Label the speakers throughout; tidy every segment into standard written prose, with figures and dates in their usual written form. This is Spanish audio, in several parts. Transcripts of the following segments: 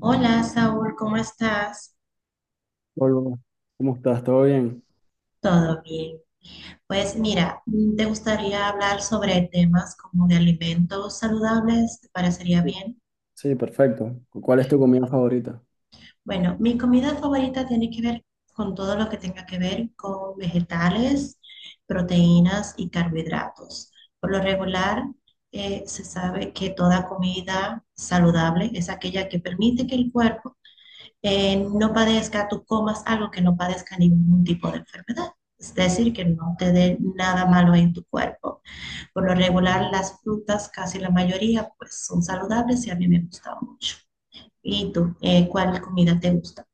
Speaker 1: Hola, Saúl, ¿cómo estás?
Speaker 2: Hola, ¿cómo estás? ¿Todo bien?
Speaker 1: ¿Todo bien? Pues mira, ¿te gustaría hablar sobre temas como de alimentos saludables? ¿Te parecería bien?
Speaker 2: Sí, perfecto. ¿Cuál es tu comida favorita?
Speaker 1: Bueno, mi comida favorita tiene que ver con todo lo que tenga que ver con vegetales, proteínas y carbohidratos. Por lo regular, se sabe que toda comida saludable es aquella que permite que el cuerpo no padezca, tú comas algo que no padezca ningún tipo de enfermedad. Es decir, que no te dé nada malo en tu cuerpo. Por lo regular, las frutas, casi la mayoría, pues son saludables y a mí me gustan mucho. ¿Y tú, cuál comida te gusta?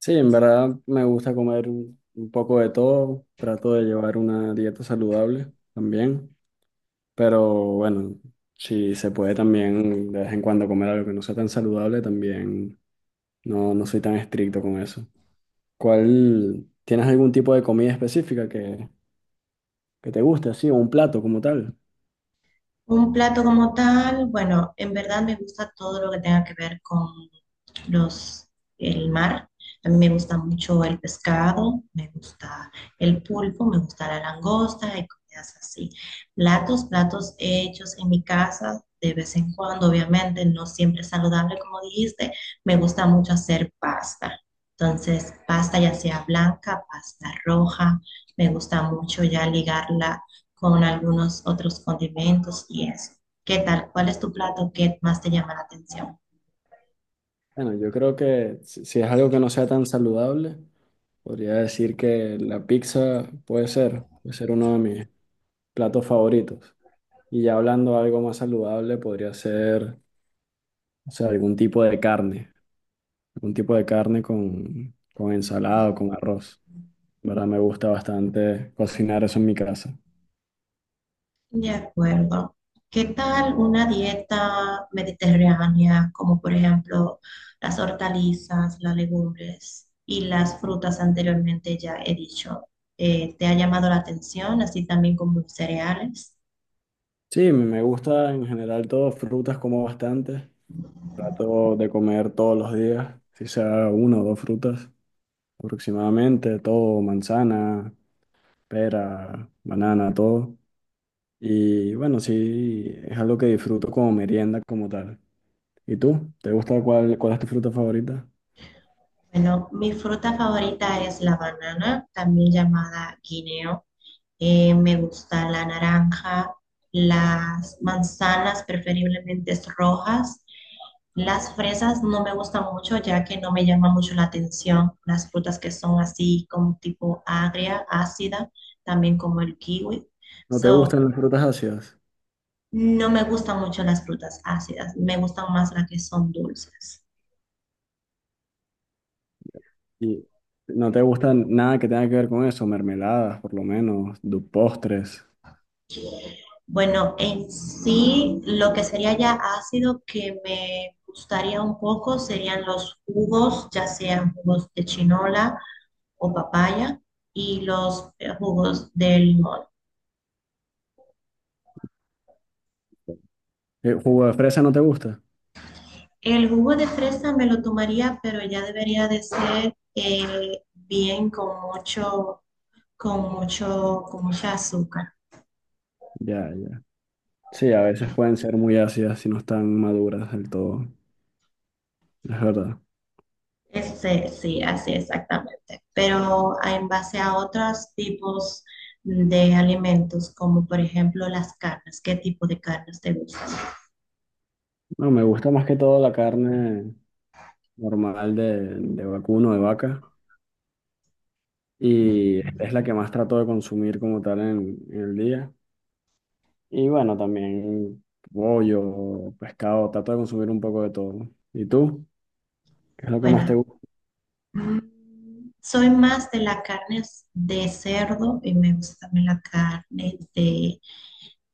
Speaker 2: Sí, en verdad me gusta comer un poco de todo. Trato de llevar una dieta saludable también. Pero bueno, si se puede también de vez en cuando comer algo que no sea tan saludable, también no, no soy tan estricto con eso. ¿Cuál, tienes algún tipo de comida específica que te guste, así, o un plato como tal?
Speaker 1: Un plato como tal, bueno, en verdad me gusta todo lo que tenga que ver con los, el mar. A mí me gusta mucho el pescado, me gusta el pulpo, me gusta la langosta y comidas así. Platos hechos en mi casa de vez en cuando, obviamente, no siempre es saludable, como dijiste. Me gusta mucho hacer pasta. Entonces, pasta ya sea blanca, pasta roja, me gusta mucho ya ligarla con algunos otros condimentos y eso. ¿Qué tal? ¿Cuál es tu plato que más te llama la atención?
Speaker 2: Bueno, yo creo que si es algo que no sea tan saludable. Podría decir que la pizza puede ser uno de mis platos favoritos. Y ya hablando de algo más saludable, podría ser, o sea, algún tipo de carne, algún tipo de carne con ensalada o con arroz. ¿Verdad? Me gusta bastante cocinar eso en mi casa.
Speaker 1: De acuerdo. ¿Qué tal una dieta mediterránea, como por ejemplo las hortalizas, las legumbres y las frutas anteriormente ya he dicho? ¿Te ha llamado la atención, así también como los cereales?
Speaker 2: Sí, me gusta en general todo, frutas como bastante. Trato de comer todos los días, si sea una o dos frutas aproximadamente, todo, manzana, pera, banana, todo. Y bueno, sí, es algo que disfruto como merienda como tal. ¿Y tú? ¿Te gusta cuál, cuál es tu fruta favorita?
Speaker 1: Bueno, mi fruta favorita es la banana, también llamada guineo. Me gusta la naranja, las manzanas preferiblemente rojas. Las fresas no me gustan mucho ya que no me llama mucho la atención. Las frutas que son así como tipo agria, ácida, también como el kiwi.
Speaker 2: ¿No te
Speaker 1: So,
Speaker 2: gustan las frutas ácidas?
Speaker 1: no me gustan mucho las frutas ácidas, me gustan más las que son dulces.
Speaker 2: ¿Y no te gustan nada que tenga que ver con eso? Mermeladas, por lo menos, postres.
Speaker 1: Bueno, en sí, lo que sería ya ácido que me gustaría un poco serían los jugos, ya sean jugos de chinola, o papaya y los jugos de limón.
Speaker 2: ¿Jugo de fresa no te gusta?
Speaker 1: El jugo de fresa me lo tomaría, pero ya debería de ser bien con mucho, con mucha azúcar.
Speaker 2: Ya, ya. Sí, a veces pueden ser muy ácidas si no están maduras del todo. Es verdad.
Speaker 1: Este, sí, así exactamente. Pero a- en base a otros tipos de alimentos, como por ejemplo las carnes, ¿qué tipo de carnes te gustan?
Speaker 2: No, me gusta más que todo la carne normal de vacuno, de vaca. Y es la que más trato de consumir como tal en el día. Y bueno, también pollo, pescado, trato de consumir un poco de todo. ¿No? ¿Y tú? ¿Qué es lo que más te
Speaker 1: Bueno,
Speaker 2: gusta?
Speaker 1: soy más de las carnes de cerdo y me gusta también la carne de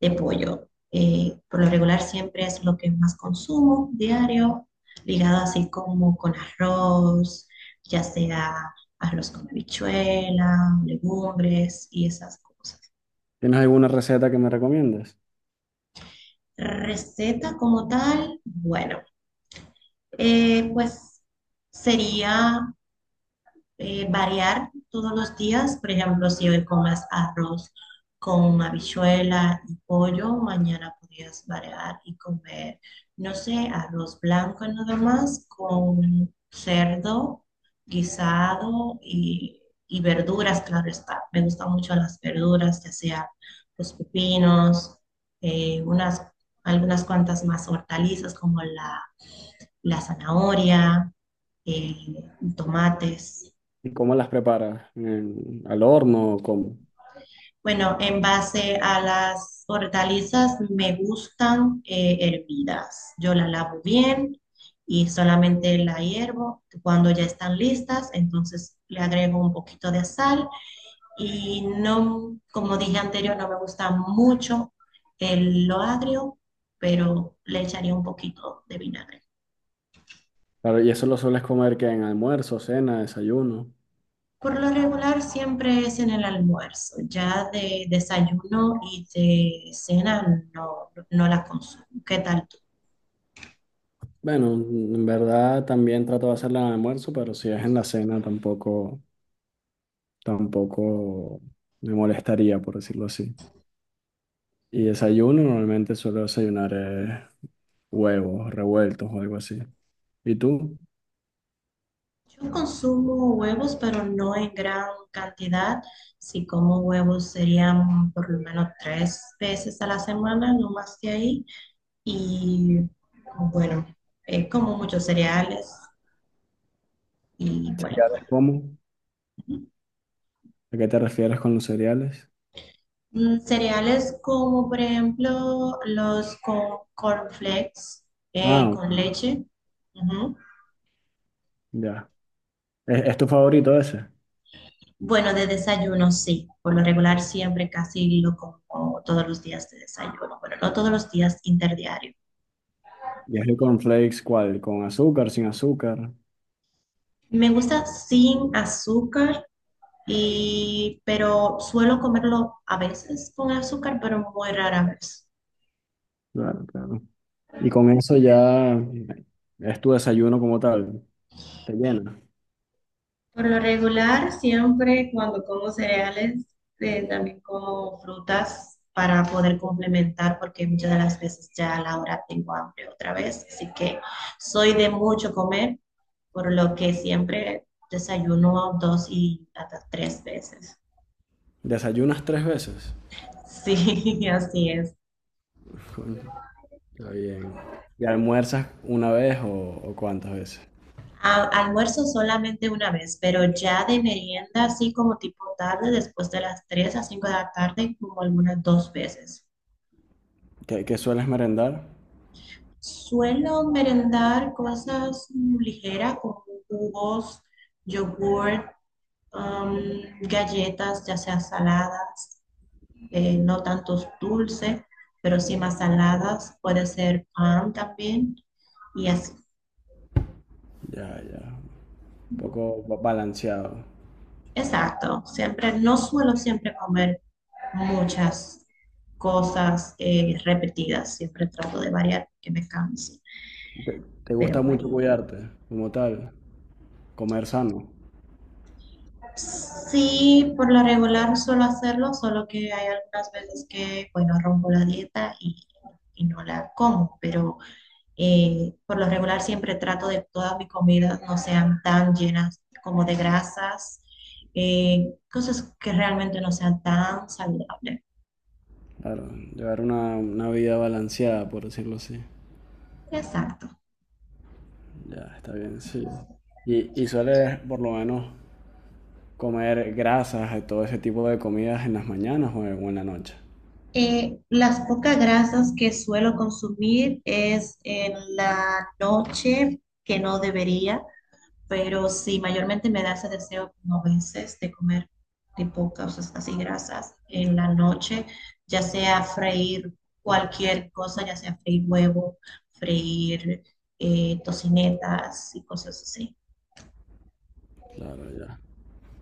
Speaker 1: pollo. Por lo regular siempre es lo que más consumo diario, ligado así como con arroz, ya sea arroz con habichuela, legumbres y esas cosas.
Speaker 2: ¿Tienes alguna receta que me recomiendes?
Speaker 1: Receta como tal, bueno, pues sería variar todos los días. Por ejemplo, si hoy comas arroz con habichuela y pollo, mañana podrías variar y comer, no sé, arroz blanco nada más con cerdo guisado y verduras, claro está. Me gustan mucho las verduras, ya sea los pepinos, eh, unas, algunas cuantas más hortalizas como la zanahoria, eh, tomates.
Speaker 2: ¿Y cómo las preparas? ¿En- ¿Al horno? ¿Cómo?
Speaker 1: Bueno, en base a las hortalizas me gustan hervidas. Yo la lavo bien y solamente la hiervo. Cuando ya están listas, entonces le agrego un poquito de sal y no, como dije anterior, no me gusta mucho lo agrio, pero le echaría un poquito de vinagre.
Speaker 2: Claro, y eso lo sueles comer que en almuerzo, cena, desayuno.
Speaker 1: Por lo regular siempre es en el almuerzo, ya de desayuno y de cena no, no la consumo. ¿Qué tal? ¿Tú?
Speaker 2: Bueno, en verdad también trato de hacerla en el almuerzo, pero si es en la cena tampoco, tampoco me molestaría, por decirlo así. Y desayuno normalmente suelo desayunar huevos revueltos o algo así. ¿Y tú?
Speaker 1: Yo consumo huevos, pero no en gran cantidad. Si como huevos serían por lo menos tres veces a la semana, no más que ahí. Y bueno, como muchos cereales y bueno, bueno.
Speaker 2: ¿Cereales cómo? ¿A qué te refieres con los cereales?
Speaker 1: Cereales como por ejemplo los con cornflakes
Speaker 2: Ah, ok,
Speaker 1: con leche. Ujú.
Speaker 2: ya. Es tu favorito ese?
Speaker 1: Bueno, de desayuno sí. Por lo regular siempre casi lo como todos los días de desayuno. Bueno, no todos los días, interdiario.
Speaker 2: ¿Y es el cornflakes cuál? ¿Con azúcar, sin azúcar?
Speaker 1: Me gusta sin azúcar, y, pero suelo comerlo a veces con azúcar, pero muy rara vez.
Speaker 2: Claro, claro. Y con eso ya es tu desayuno como tal. Te llena.
Speaker 1: Por lo regular, siempre cuando como cereales, también como frutas para poder complementar, porque muchas de las veces ya a la hora tengo hambre otra vez, así que soy de mucho comer, por lo que siempre desayuno dos y hasta tres veces.
Speaker 2: ¿Desayunas tres veces?
Speaker 1: Sí, así es.
Speaker 2: Coño, está bien. ¿Y almuerzas una vez o cuántas veces?
Speaker 1: A- almuerzo solamente una vez, pero ya de merienda, así como tipo tarde, después de las 3 a 5 de la tarde, como algunas dos veces.
Speaker 2: ¿Qué, qué sueles merendar?
Speaker 1: Suelo merendar cosas ligeras como jugos, yogurt, galletas, ya sea saladas, no tantos dulces, pero sí más saladas, puede ser pan también, y así.
Speaker 2: Ya, ya. Un poco balanceado.
Speaker 1: Exacto, siempre, no suelo siempre comer muchas cosas repetidas. Siempre trato de variar, que me canse.
Speaker 2: ¿Te, te
Speaker 1: Pero
Speaker 2: gusta
Speaker 1: bueno,
Speaker 2: mucho cuidarte como tal? ¿Comer sano?
Speaker 1: sí, por lo regular suelo hacerlo, solo que hay algunas veces que, bueno, rompo la dieta y no la como. Pero por lo regular siempre trato de que todas mis comidas no sean tan llenas como de grasas. Cosas que realmente no sean tan saludables.
Speaker 2: Claro, llevar una vida balanceada, por decirlo así.
Speaker 1: Exacto.
Speaker 2: Ya, está bien, sí. Y sueles por lo menos comer grasas y todo ese tipo de comidas en las mañanas o en la noche.
Speaker 1: Las pocas grasas que suelo consumir es en la noche, que no debería, pero sí, mayormente me da ese deseo como a veces de comer de pocas, o sea, así grasas en la noche, ya sea freír cualquier cosa, ya sea freír huevo, freír tocinetas y cosas así.
Speaker 2: Claro, ya.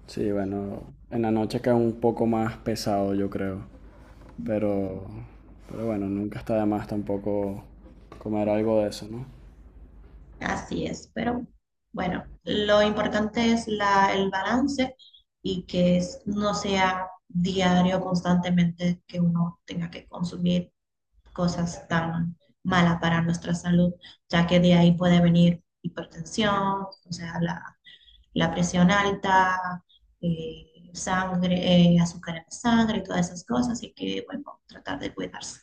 Speaker 2: Sí, bueno, en la noche queda un poco más pesado, yo creo. Pero, pero bueno, nunca está de más tampoco comer algo de eso, ¿no?
Speaker 1: Así es, pero bueno, lo importante es el balance y que es- no sea diario, constantemente, que uno tenga que consumir cosas tan malas para nuestra salud, ya que de ahí puede venir hipertensión, o sea, la presión alta, sangre, azúcar en la sangre, todas esas cosas, y que, bueno, tratar de cuidarse.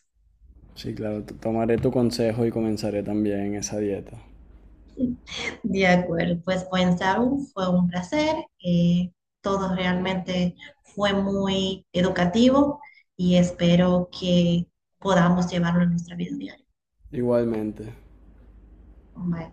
Speaker 2: Sí, claro, tomaré tu consejo y comenzaré también esa dieta.
Speaker 1: De acuerdo, pues buen Saru, fue un placer. eh, Todo realmente fue muy educativo y espero que podamos llevarlo a nuestra vida diaria.
Speaker 2: Igualmente.
Speaker 1: Bye.